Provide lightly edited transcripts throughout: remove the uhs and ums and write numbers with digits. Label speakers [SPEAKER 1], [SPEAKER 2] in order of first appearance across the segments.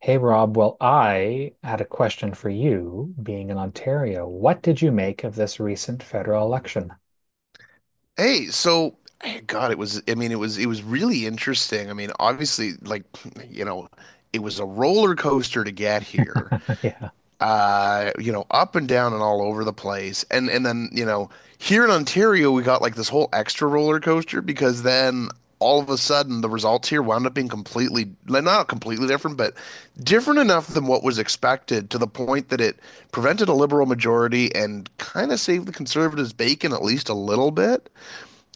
[SPEAKER 1] Hey Rob, well, I had a question for you, being in Ontario. What did you make of this recent federal election?
[SPEAKER 2] Hey, so God, it was, it was really interesting. I mean, obviously, you know, it was a roller coaster to get here,
[SPEAKER 1] Yeah.
[SPEAKER 2] up and down and all over the place. And then, here in Ontario, we got like this whole extra roller coaster because then all of a sudden the results here wound up being completely, like, not completely different, but different enough than what was expected to the point that it prevented a liberal majority and kind of saved the conservatives' bacon at least a little bit.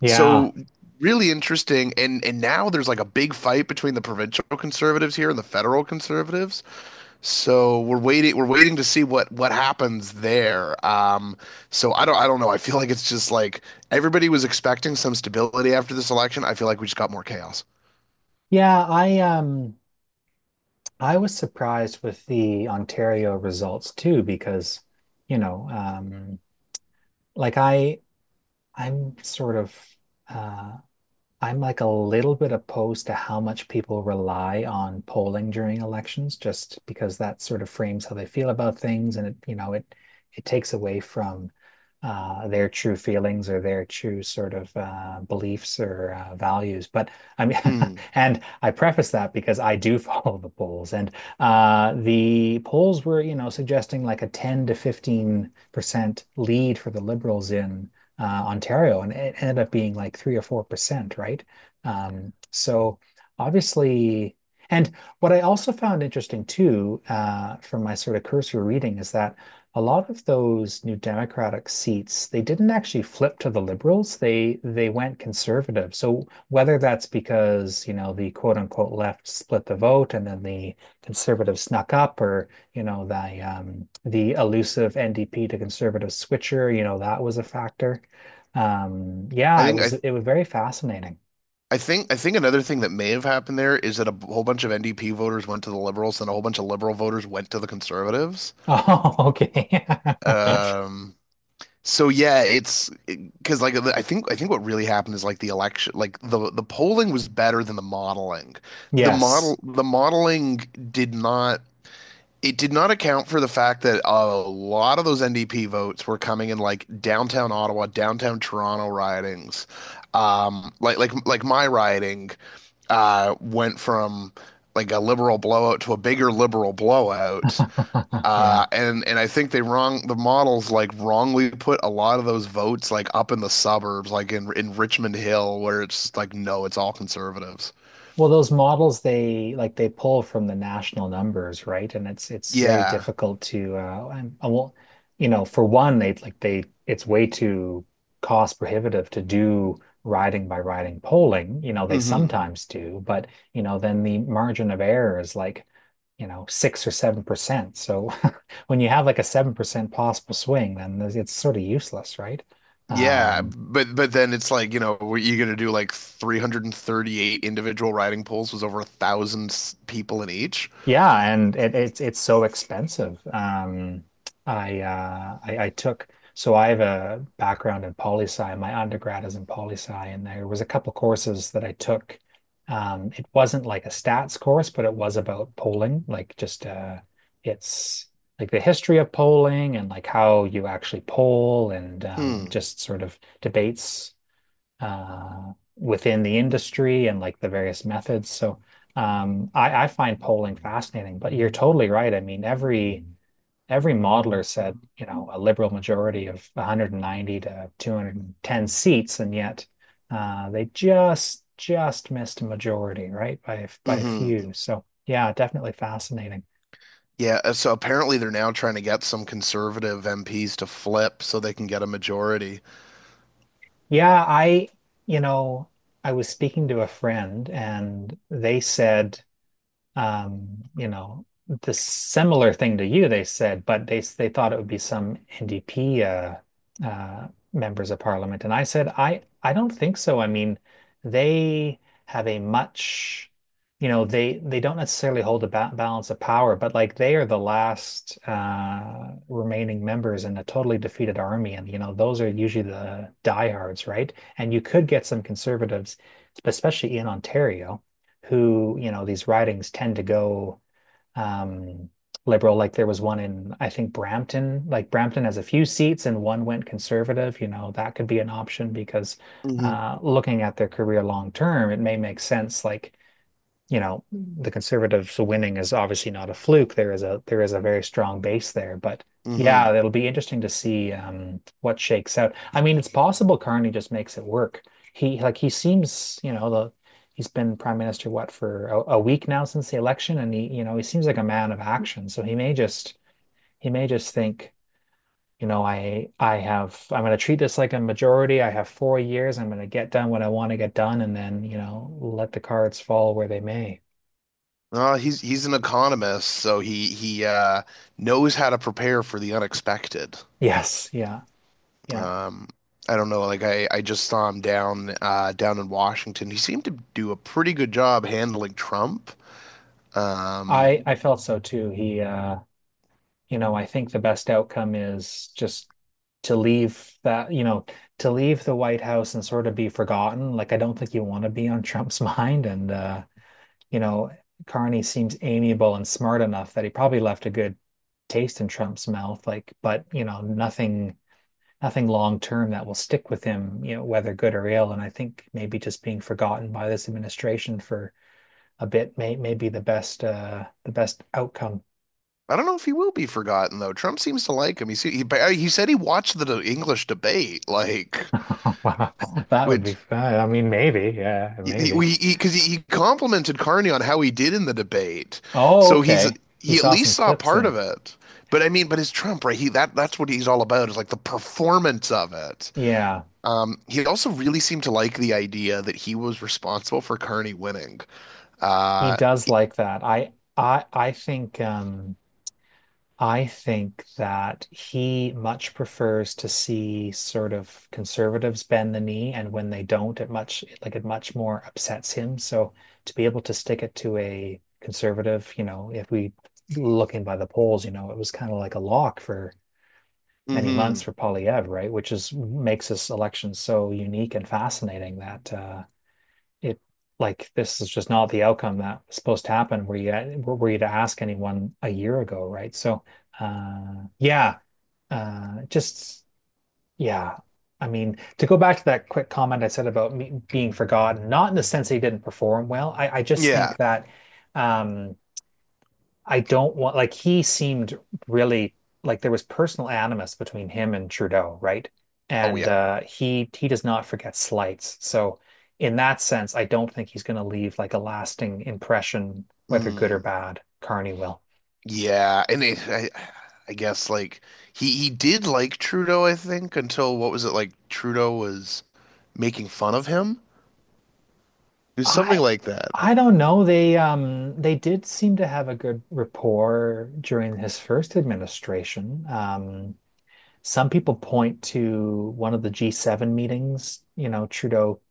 [SPEAKER 1] Yeah.
[SPEAKER 2] So really interesting, and now there's like a big fight between the provincial conservatives here and the federal conservatives. So we're waiting to see what happens there. I don't know, I feel like it's just like everybody was expecting some stability after this election. I feel like we just got more chaos.
[SPEAKER 1] Yeah, I was surprised with the Ontario results too, because, you know, um like I I'm sort of uh I'm like a little bit opposed to how much people rely on polling during elections, just because that sort of frames how they feel about things, and it, you know, it takes away from their true feelings or their true sort of beliefs or values. But I mean,
[SPEAKER 2] Hmm.
[SPEAKER 1] and I preface that because I do follow the polls, and the polls were, you know, suggesting like a 10 to 15% lead for the Liberals in Ontario, and it ended up being like 3 or 4%, right? So obviously. And what I also found interesting, too, from my sort of cursory reading, is that a lot of those new Democratic seats, they didn't actually flip to the Liberals. They went conservative. So whether that's because, you know, the quote unquote left split the vote and then the conservatives snuck up, or, you know, the elusive NDP to conservative switcher, you know, that was a factor.
[SPEAKER 2] i
[SPEAKER 1] Yeah,
[SPEAKER 2] think i
[SPEAKER 1] it was very fascinating.
[SPEAKER 2] I think another thing that may have happened there is that whole bunch of NDP voters went to the Liberals, and a whole bunch of Liberal voters went to the Conservatives.
[SPEAKER 1] Oh, okay.
[SPEAKER 2] Um, So yeah, it's because like I think what really happened is like the polling was better than the modeling.
[SPEAKER 1] Yes.
[SPEAKER 2] The modeling did not, it did not account for the fact that a lot of those NDP votes were coming in like downtown Ottawa, downtown Toronto ridings, like my riding went from like a liberal blowout to a bigger liberal blowout. Uh,
[SPEAKER 1] Yeah.
[SPEAKER 2] and and I think they wrong, the models like wrongly put a lot of those votes like up in the suburbs, like in Richmond Hill, where it's just like no, it's all conservatives.
[SPEAKER 1] Well, those models, they pull from the national numbers, right? And it's very
[SPEAKER 2] Yeah.
[SPEAKER 1] difficult to and well, you know, for one, they like they it's way too cost prohibitive to do riding by riding polling. You know, they
[SPEAKER 2] hmm
[SPEAKER 1] sometimes do, but, you know, then the margin of error is like, you know, 6 or 7%. So when you have like a 7% possible swing, then it's sort of useless, right?
[SPEAKER 2] Yeah,
[SPEAKER 1] Um,
[SPEAKER 2] but then it's like, you know, what you gonna do, like 338 individual riding polls was over 1,000 people in each.
[SPEAKER 1] yeah, and it's so expensive. I took, so I have a background in poli sci. My undergrad is in poli sci, and there was a couple courses that I took. It wasn't like a stats course, but it was about polling, like, just it's like the history of polling and like how you actually poll and
[SPEAKER 2] Hmm.
[SPEAKER 1] just sort of debates within the industry and like the various methods. So I find polling fascinating, but you're totally right. I mean, every modeler said, you know, a liberal majority of 190 to 210 seats, and yet they just missed a majority, right? By a
[SPEAKER 2] hmm
[SPEAKER 1] few. So yeah, definitely fascinating.
[SPEAKER 2] Yeah, so apparently they're now trying to get some conservative MPs to flip so they can get a majority.
[SPEAKER 1] Yeah, you know, I was speaking to a friend and they said, um, you know, the similar thing to you. They said, but they thought it would be some NDP, members of parliament, and I said, I don't think so. I mean, they have a much, you know, they don't necessarily hold a ba balance of power, but like they are the last remaining members in a totally defeated army, and, you know, those are usually the diehards, right? And you could get some conservatives, especially in Ontario, who, you know, these ridings tend to go, um, liberal. Like, there was one in, I think, Brampton. Like, Brampton has a few seats and one went conservative. You know, that could be an option because,
[SPEAKER 2] hmm
[SPEAKER 1] looking at their career long term, it may make sense. Like, you know, the conservatives winning is obviously not a fluke. There is a very strong base there, but yeah,
[SPEAKER 2] hmm
[SPEAKER 1] it'll be interesting to see what shakes out. I mean, it's possible Carney just makes it work. He seems, you know, the he's been prime minister, what, for a week now since the election, and he seems like a man of action. So he may just think, you know, I'm going to treat this like a majority. I have 4 years. I'm going to get done what I want to get done, and then, you know, let the cards fall where they may.
[SPEAKER 2] No, he's an economist, so he knows how to prepare for the unexpected.
[SPEAKER 1] Yes, yeah, yeah.
[SPEAKER 2] Um, I don't know, like I just saw him down down in Washington. He seemed to do a pretty good job handling Trump. Um,
[SPEAKER 1] I felt so too. I think the best outcome is just to leave that, you know, to leave the White House and sort of be forgotten. Like, I don't think you want to be on Trump's mind, and you know, Carney seems amiable and smart enough that he probably left a good taste in Trump's mouth, like, but, you know, nothing long term that will stick with him, you know, whether good or ill. And I think maybe just being forgotten by this administration for a bit may be the best outcome.
[SPEAKER 2] I don't know if he will be forgotten though. Trump seems to like him. He said he watched the English debate, like
[SPEAKER 1] Wow. That would be
[SPEAKER 2] which
[SPEAKER 1] fun. I mean, maybe, yeah,
[SPEAKER 2] He,
[SPEAKER 1] maybe.
[SPEAKER 2] we because he complimented Carney on how he did in the debate,
[SPEAKER 1] Oh,
[SPEAKER 2] so
[SPEAKER 1] okay. He
[SPEAKER 2] he at
[SPEAKER 1] saw some
[SPEAKER 2] least saw
[SPEAKER 1] clips
[SPEAKER 2] part of
[SPEAKER 1] then.
[SPEAKER 2] it. But I mean, but it's Trump, right? He that that's what he's all about, is like the performance of it.
[SPEAKER 1] Yeah,
[SPEAKER 2] He also really seemed to like the idea that he was responsible for Carney winning.
[SPEAKER 1] he
[SPEAKER 2] Uh,
[SPEAKER 1] does like that. I think that he much prefers to see sort of conservatives bend the knee, and when they don't, it much more upsets him. So to be able to stick it to a conservative, you know, if we looking by the polls, you know, it was kind of like a lock for many months
[SPEAKER 2] hmm.
[SPEAKER 1] for Polyev, right? Which is makes this election so unique and fascinating, that it like this is just not the outcome that was supposed to happen. Were you to ask anyone a year ago, right? So yeah, just yeah. I mean, to go back to that quick comment I said about me being forgotten, not in the sense that he didn't perform well. I just
[SPEAKER 2] Yeah.
[SPEAKER 1] think that, um, I don't want, like, he seemed really, like, there was personal animus between him and Trudeau, right?
[SPEAKER 2] Oh
[SPEAKER 1] And
[SPEAKER 2] yeah.
[SPEAKER 1] he does not forget slights. So in that sense, I don't think he's going to leave like a lasting impression, whether good or
[SPEAKER 2] Mm.
[SPEAKER 1] bad. Carney will.
[SPEAKER 2] Yeah. And I guess like he did like Trudeau, I think, until what was it, like Trudeau was making fun of him. There's something
[SPEAKER 1] I
[SPEAKER 2] like that.
[SPEAKER 1] I don't know. They did seem to have a good rapport during his first administration. Some people point to one of the G7 meetings, you know, Trudeau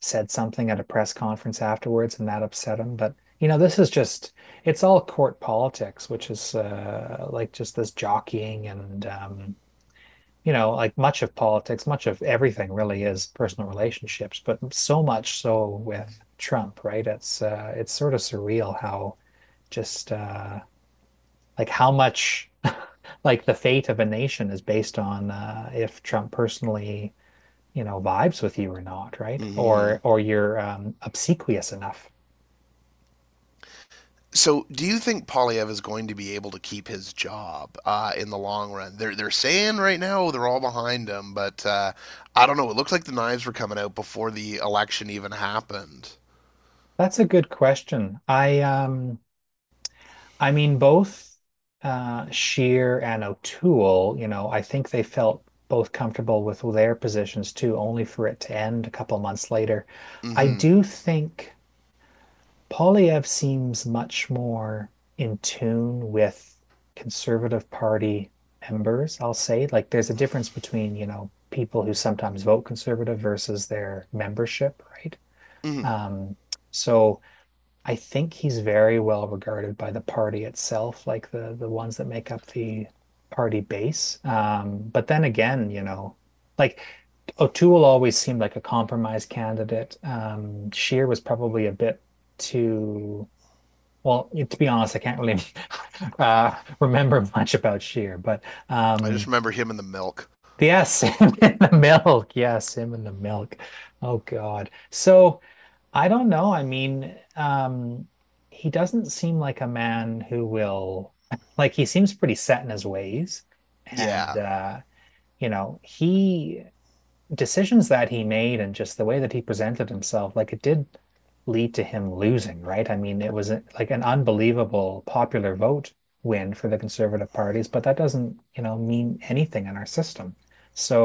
[SPEAKER 1] said something at a press conference afterwards and that upset him. But, you know, this is just, it's all court politics, which is like just this jockeying, and, you know, like, much of politics, much of everything really, is personal relationships, but so much so with Trump, right? It's sort of surreal how just like how much like the fate of a nation is based on, if Trump personally, you know, vibes with you or not, right?
[SPEAKER 2] Mm-hmm.
[SPEAKER 1] Or you're, obsequious enough.
[SPEAKER 2] So, do you think Polyev is going to be able to keep his job in the long run? They're saying right now they're all behind him, but I don't know. It looks like the knives were coming out before the election even happened.
[SPEAKER 1] That's a good question. I mean, both Shear and O'Toole, you know, I think they felt both comfortable with their positions too, only for it to end a couple months later. I
[SPEAKER 2] Mm-hmm.
[SPEAKER 1] do think Polyev seems much more in tune with Conservative Party members, I'll say. Like, there's a difference between, you know, people who sometimes vote Conservative versus their membership, right?
[SPEAKER 2] Mm-hmm.
[SPEAKER 1] Um, so I think he's very well regarded by the party itself, like the ones that make up the party base. But then again, you know, like, O'Toole always seemed like a compromise candidate. Scheer was probably a bit too, well, to be honest, I can't really, remember much about Sheer, but,
[SPEAKER 2] I just
[SPEAKER 1] um,
[SPEAKER 2] remember him and the milk.
[SPEAKER 1] yes, him in the milk. Yes, him in the milk. Oh God. So I don't know. I mean, he doesn't seem like a man who will like, he seems pretty set in his ways, and
[SPEAKER 2] Yeah,
[SPEAKER 1] you know, he decisions that he made and just the way that he presented himself, like, it did lead to him losing, right? I mean, it was like an unbelievable popular vote win for the conservative parties, but that doesn't, you know, mean anything in our system.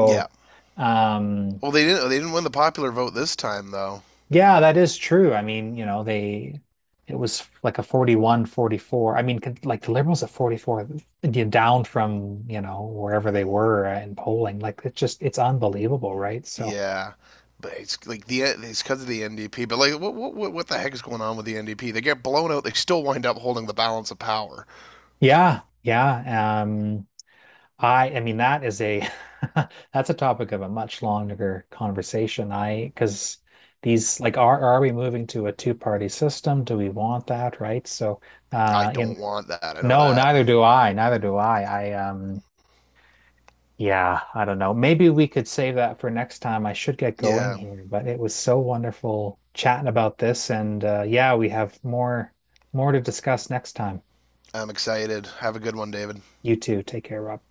[SPEAKER 2] yeah.
[SPEAKER 1] um,
[SPEAKER 2] Well, they didn't win the popular vote this time though.
[SPEAKER 1] yeah, that is true. I mean, you know, they it was like a 41-44. I mean, like the Liberals at 44, you know, down from, you know, wherever they were in polling. Like, it's unbelievable, right? So,
[SPEAKER 2] Yeah. But it's like the it's because of the NDP. But like, what the heck is going on with the NDP? They get blown out. They still wind up holding the balance of power.
[SPEAKER 1] yeah, yeah. I mean, that is a, that's a topic of a much longer conversation. I Because these, like, are we moving to a two-party system? Do we want that, right? So
[SPEAKER 2] I
[SPEAKER 1] in
[SPEAKER 2] don't want that. I know
[SPEAKER 1] no,
[SPEAKER 2] that.
[SPEAKER 1] neither do I, neither do I. Yeah, I don't know. Maybe we could save that for next time. I should get going
[SPEAKER 2] Yeah,
[SPEAKER 1] here, but it was so wonderful chatting about this, and yeah, we have more to discuss next time.
[SPEAKER 2] I'm excited. Have a good one, David.
[SPEAKER 1] You too. Take care, Rob.